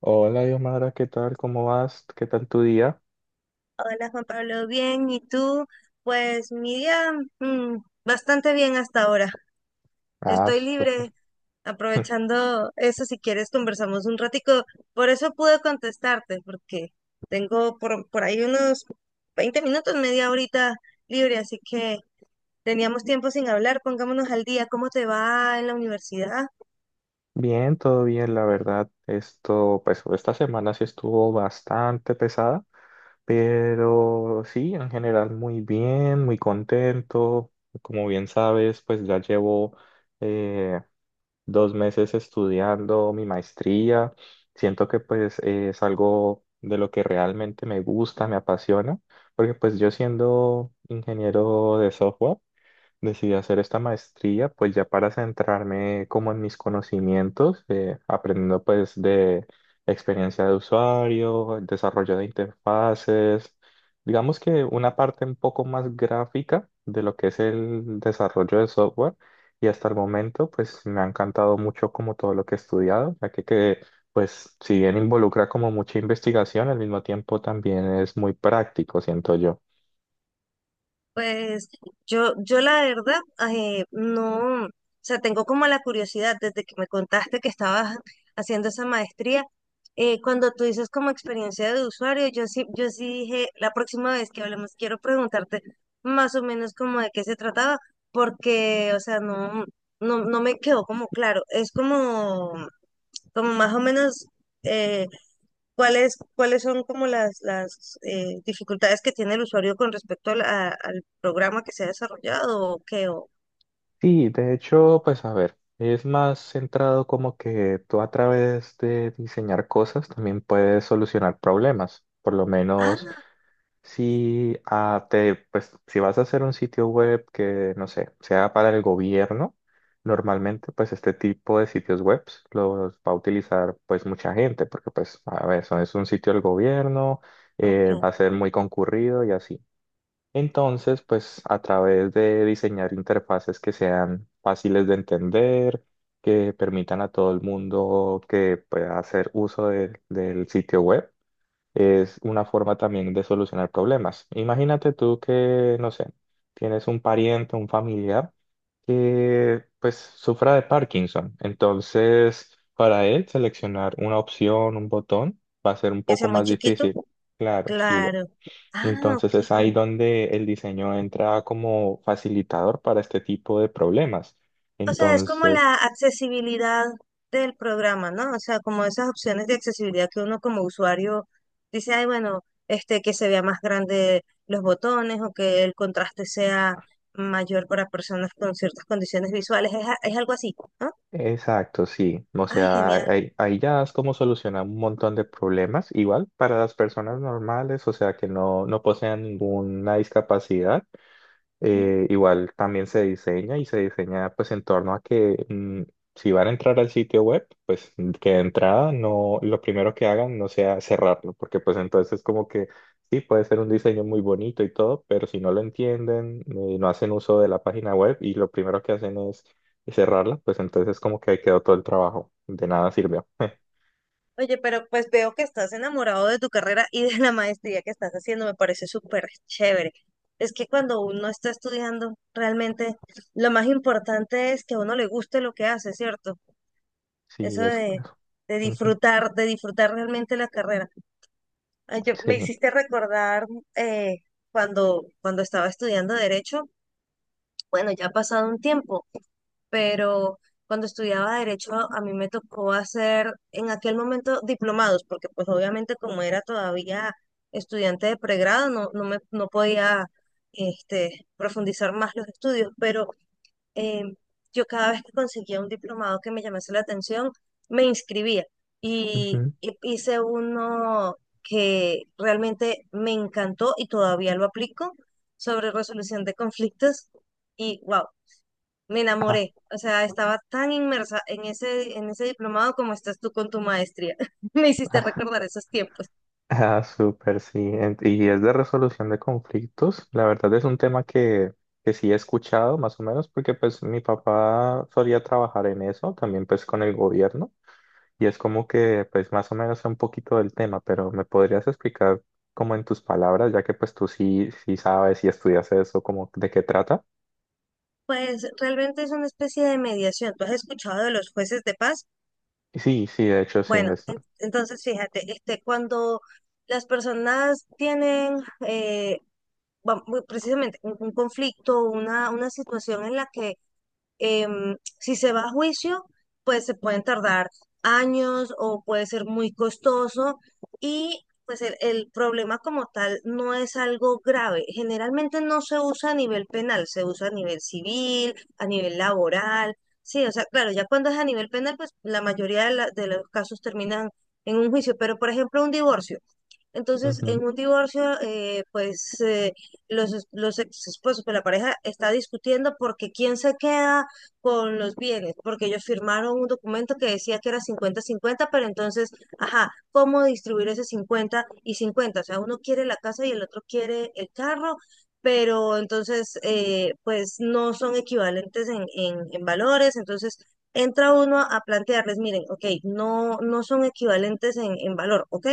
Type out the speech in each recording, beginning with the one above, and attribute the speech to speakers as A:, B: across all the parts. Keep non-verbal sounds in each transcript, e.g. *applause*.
A: Hola, Diosmara, ¿qué tal? ¿Cómo vas? ¿Qué tal tu día?
B: Hola Juan Pablo, bien, ¿y tú? Pues mi día mm, bastante bien hasta ahora.
A: Ah,
B: Estoy libre,
A: súper. *laughs*
B: aprovechando eso, si quieres conversamos un ratico. Por eso pude contestarte, porque tengo por ahí unos 20 minutos, media horita libre, así que teníamos tiempo sin hablar. Pongámonos al día, ¿cómo te va en la universidad?
A: Bien, todo bien, la verdad. Esto, pues, esta semana sí estuvo bastante pesada, pero sí, en general muy bien, muy contento. Como bien sabes, pues ya llevo eh, 2 meses estudiando mi maestría. Siento que pues es algo de lo que realmente me gusta, me apasiona, porque pues yo, siendo ingeniero de software, decidí hacer esta maestría pues ya para centrarme como en mis conocimientos, aprendiendo pues de experiencia de usuario, el desarrollo de interfaces. Digamos que una parte un poco más gráfica de lo que es el desarrollo de software, y hasta el momento pues me ha encantado mucho como todo lo que he estudiado, ya que pues si bien involucra como mucha investigación, al mismo tiempo también es muy práctico, siento yo.
B: Pues yo la verdad, no, o sea, tengo como la curiosidad desde que me contaste que estabas haciendo esa maestría. Cuando tú dices como experiencia de usuario, yo sí dije, la próxima vez que hablemos, quiero preguntarte más o menos como de qué se trataba, porque, o sea, no me quedó como claro. Es como más o menos, eh, ¿cuáles son como las dificultades que tiene el usuario con respecto a al programa que se ha desarrollado o qué?
A: Sí, de hecho, pues a ver, es más centrado como que tú a través de diseñar cosas también puedes solucionar problemas. Por lo menos
B: Ah,
A: si si vas a hacer un sitio web que, no sé, sea para el gobierno, normalmente pues este tipo de sitios web los va a utilizar pues mucha gente, porque pues a ver, es un sitio del gobierno,
B: ok.
A: va a ser muy concurrido y así. Entonces, pues a través de diseñar interfaces que sean fáciles de entender, que permitan a todo el mundo que pueda hacer uso del sitio web, es una forma también de solucionar problemas. Imagínate tú que, no sé, tienes un pariente, un familiar que pues sufra de Parkinson. Entonces, para él seleccionar una opción, un botón, va a ser un
B: Que
A: poco
B: sea muy
A: más
B: chiquito.
A: difícil. Claro, sí,
B: Claro. Ah,
A: entonces es ahí
B: ok.
A: donde el diseño entra como facilitador para este tipo de problemas.
B: O sea, es como
A: Entonces,
B: la accesibilidad del programa, ¿no? O sea, como esas opciones de accesibilidad que uno como usuario dice, ay, bueno, este, que se vea más grande los botones o que el contraste sea mayor para personas con ciertas condiciones visuales. Es algo así, ¿no?
A: exacto, sí. O
B: Ay,
A: sea,
B: genial.
A: ahí ya es como solucionar un montón de problemas, igual para las personas normales, o sea, que no, no posean ninguna discapacidad. Igual también se diseña y se diseña pues en torno a que, si van a entrar al sitio web, pues, que de entrada no, lo primero que hagan no sea cerrarlo, porque pues entonces como que sí puede ser un diseño muy bonito y todo, pero si no lo entienden, no hacen uso de la página web y lo primero que hacen es cerrarla, pues entonces como que ahí quedó todo el trabajo, de nada sirvió. *laughs*
B: Oye, pero pues veo que estás enamorado de tu carrera y de la maestría que estás haciendo, me parece súper chévere. Es que cuando uno está estudiando, realmente lo más importante es que a uno le guste lo que hace, ¿cierto?
A: Sí,
B: Eso
A: es.
B: de
A: Ujú.
B: disfrutar, de disfrutar realmente la carrera. Ay, me
A: Sí.
B: hiciste recordar eh, cuando estaba estudiando Derecho, bueno, ya ha pasado un tiempo, pero cuando estudiaba derecho a mí me tocó hacer en aquel momento diplomados, porque pues obviamente como era todavía estudiante de pregrado, no podía, este, profundizar más los estudios, pero eh, yo cada vez que conseguía un diplomado que me llamase la atención, me inscribía y,
A: Ujú.
B: y hice uno que realmente me encantó y todavía lo aplico sobre resolución de conflictos, y wow, me
A: Ah,
B: enamoré, o sea, estaba tan inmersa en ese diplomado como estás tú con tu maestría. *laughs* Me hiciste
A: ah.
B: recordar esos tiempos.
A: Ah, súper, sí. Y es de resolución de conflictos. La verdad es un tema que sí he escuchado más o menos porque pues mi papá solía trabajar en eso, también pues con el gobierno. Y es como que pues más o menos sé un poquito del tema, pero ¿me podrías explicar como en tus palabras, ya que pues tú sí sabes y estudias eso, como de qué trata?
B: Pues realmente es una especie de mediación. ¿Tú has escuchado de los jueces de paz?
A: Sí, sí, de hecho sí.
B: Bueno,
A: Es...
B: entonces fíjate, este, cuando las personas tienen eh, muy precisamente un conflicto, una situación en la que si se va a juicio, pues se pueden tardar años o puede ser muy costoso, y pues el problema como tal no es algo grave. Generalmente no se usa a nivel penal, se usa a nivel civil, a nivel laboral. Sí, o sea, claro, ya cuando es a nivel penal, pues la mayoría de los casos terminan en un juicio, pero por ejemplo un divorcio. Entonces,
A: Ujú,
B: en un divorcio, pues los ex esposos, pues la pareja está discutiendo porque quién se queda con los bienes, porque ellos firmaron un documento que decía que era 50-50, pero entonces, ajá, ¿cómo distribuir ese 50 y 50? O sea, uno quiere la casa y el otro quiere el carro, pero entonces, pues no son equivalentes en valores, entonces entra uno a plantearles, miren, ok, no, no son equivalentes en valor, ok,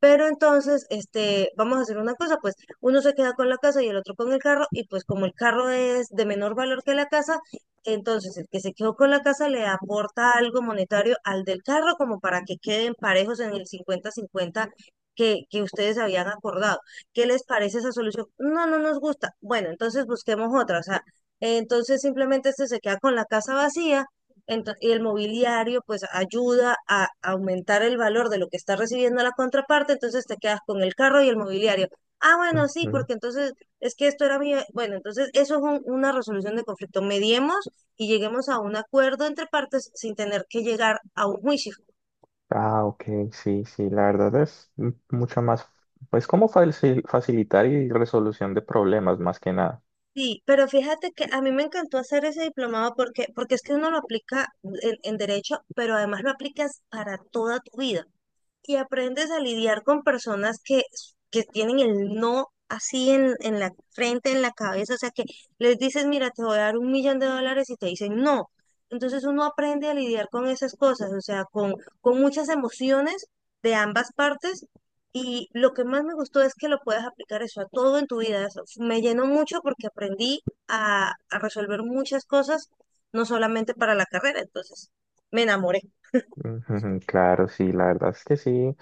B: pero entonces, este, vamos a hacer una cosa, pues uno se queda con la casa y el otro con el carro, y pues como el carro es de menor valor que la casa, entonces el que se quedó con la casa le aporta algo monetario al del carro como para que queden parejos en el 50-50 que ustedes habían acordado. ¿Qué les parece esa solución? No, no nos gusta. Bueno, entonces busquemos otra, o sea, entonces simplemente este se queda con la casa vacía. Y el mobiliario pues ayuda a aumentar el valor de lo que está recibiendo la contraparte, entonces te quedas con el carro y el mobiliario. Ah, bueno, sí,
A: ujú.
B: porque entonces es que esto era mío. Bueno, entonces eso es una resolución de conflicto. Mediemos y lleguemos a un acuerdo entre partes sin tener que llegar a un juicio.
A: Ah, ok, sí, sí, la verdad es mucho más, pues como facilitar y resolución de problemas más que nada.
B: Sí, pero fíjate que a mí me encantó hacer ese diplomado porque es que uno lo aplica en derecho, pero además lo aplicas para toda tu vida. Y aprendes a lidiar con personas que tienen el no así en la frente, en la cabeza, o sea que les dices, mira, te voy a dar 1.000.000 de dólares y te dicen no. Entonces uno aprende a lidiar con esas cosas, o sea, con muchas emociones de ambas partes. Y lo que más me gustó es que lo puedas aplicar eso a todo en tu vida. Eso me llenó mucho porque aprendí a resolver muchas cosas, no solamente para la carrera. Entonces, me enamoré.
A: Ujú. Claro, sí, la verdad es que sí.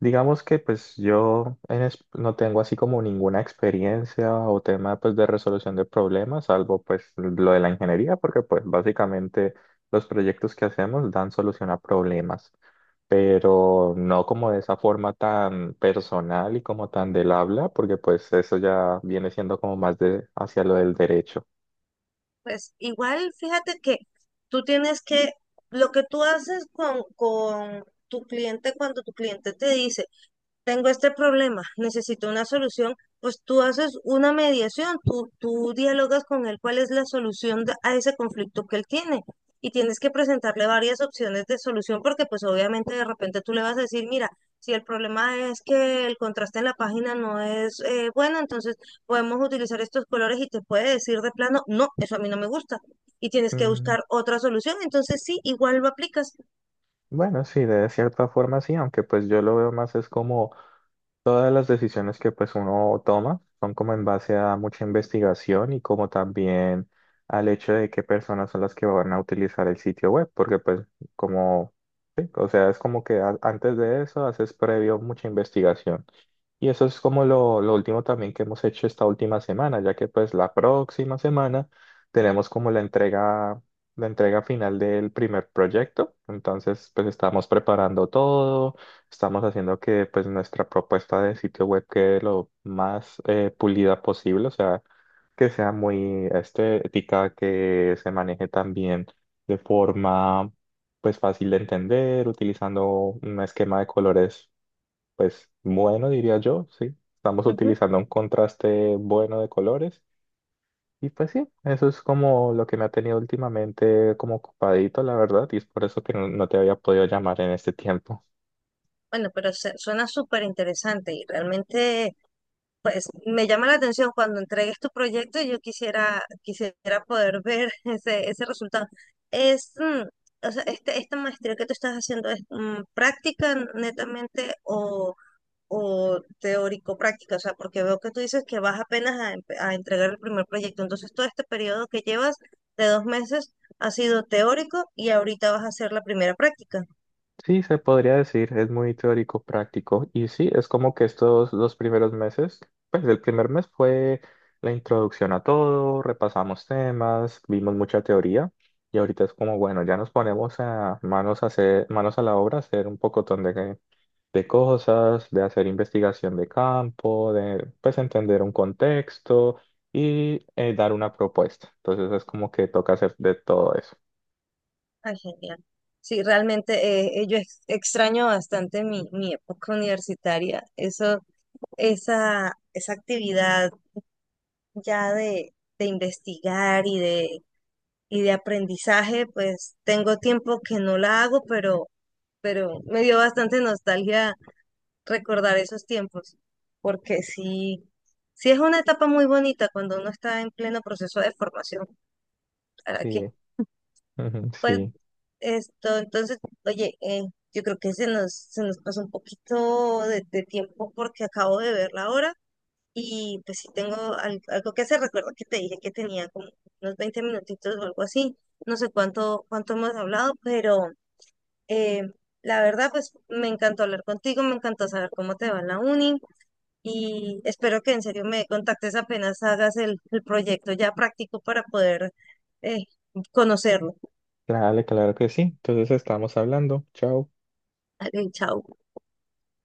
A: Digamos que pues yo no tengo así como ninguna experiencia o tema pues de resolución de problemas, salvo pues lo de la ingeniería, porque pues básicamente los proyectos que hacemos dan solución a problemas, pero no como de esa forma tan personal y como tan del habla, porque pues eso ya viene siendo como más de hacia lo del derecho.
B: Pues igual, fíjate que tú tienes que, lo que tú haces con tu cliente cuando tu cliente te dice, tengo este problema, necesito una solución, pues tú haces una mediación, tú dialogas con él cuál es la solución a ese conflicto que él tiene. Y tienes que presentarle varias opciones de solución, porque pues obviamente de repente tú le vas a decir, mira, si el problema es que el contraste en la página no es, bueno, entonces podemos utilizar estos colores y te puede decir de plano, no, eso a mí no me gusta. Y tienes que
A: Mm,
B: buscar otra solución. Entonces sí, igual lo aplicas.
A: Bueno, sí, de cierta forma sí, aunque pues yo lo veo más es como todas las decisiones que pues uno toma son como en base a mucha investigación y como también al hecho de qué personas son las que van a utilizar el sitio web, porque pues como, sí, o sea, es como que antes de eso haces previo mucha investigación. Y eso es como lo último también que hemos hecho esta última semana, ya que pues la próxima semana tenemos como la entrega final del primer proyecto. Entonces pues estamos preparando todo, estamos haciendo que pues nuestra propuesta de sitio web quede lo más pulida posible, o sea, que sea muy estética, que se maneje también de forma pues fácil de entender, utilizando un esquema de colores pues bueno, diría yo, sí. Estamos
B: Ujú.
A: utilizando un contraste bueno de colores. Y pues sí, eso es como lo que me ha tenido últimamente como ocupadito, la verdad, y es por eso que no, no te había podido llamar en este tiempo.
B: Bueno, pero suena súper interesante y realmente pues me llama la atención cuando entregues tu proyecto. Yo quisiera poder ver *laughs* ese resultado. Es, o sea, esta maestría que tú estás haciendo es práctica netamente, o teórico-práctica, o sea, porque veo que tú dices que vas apenas a entregar el primer proyecto. Entonces, todo este periodo que llevas de 2 meses ha sido teórico y ahorita vas a hacer la primera práctica.
A: Sí, se podría decir, es muy teórico práctico. Y sí, es como que estos 2 primeros meses, pues el primer mes fue la introducción a todo, repasamos temas, vimos mucha teoría. Y ahorita es como, bueno, ya nos ponemos a manos a hacer, manos a la obra, a hacer un pocotón de cosas, de hacer investigación de campo, de pues entender un contexto y, dar una propuesta. Entonces es como que toca hacer de todo eso.
B: Ay, genial. Sí, realmente extraño bastante mi época universitaria. Eso, esa actividad ya de investigar y de aprendizaje, pues tengo tiempo que no la hago, pero me dio bastante nostalgia recordar esos tiempos, porque sí, sí es una etapa muy bonita cuando uno está en pleno proceso de formación. ¿Para qué?
A: Sí, ujú,
B: Pues,
A: sí.
B: esto, entonces, oye, yo creo que se nos pasó un poquito de tiempo porque acabo de ver la hora y pues sí tengo algo que hacer. Recuerda que te dije que tenía como unos 20 minutitos o algo así. No sé cuánto hemos hablado, pero eh, la verdad, pues me encantó hablar contigo, me encantó saber cómo te va en la uni y espero que en serio me contactes apenas hagas el proyecto ya práctico para poder eh, conocerlo.
A: Claro, claro que sí. Entonces estamos hablando. Chao.
B: Vale, chao.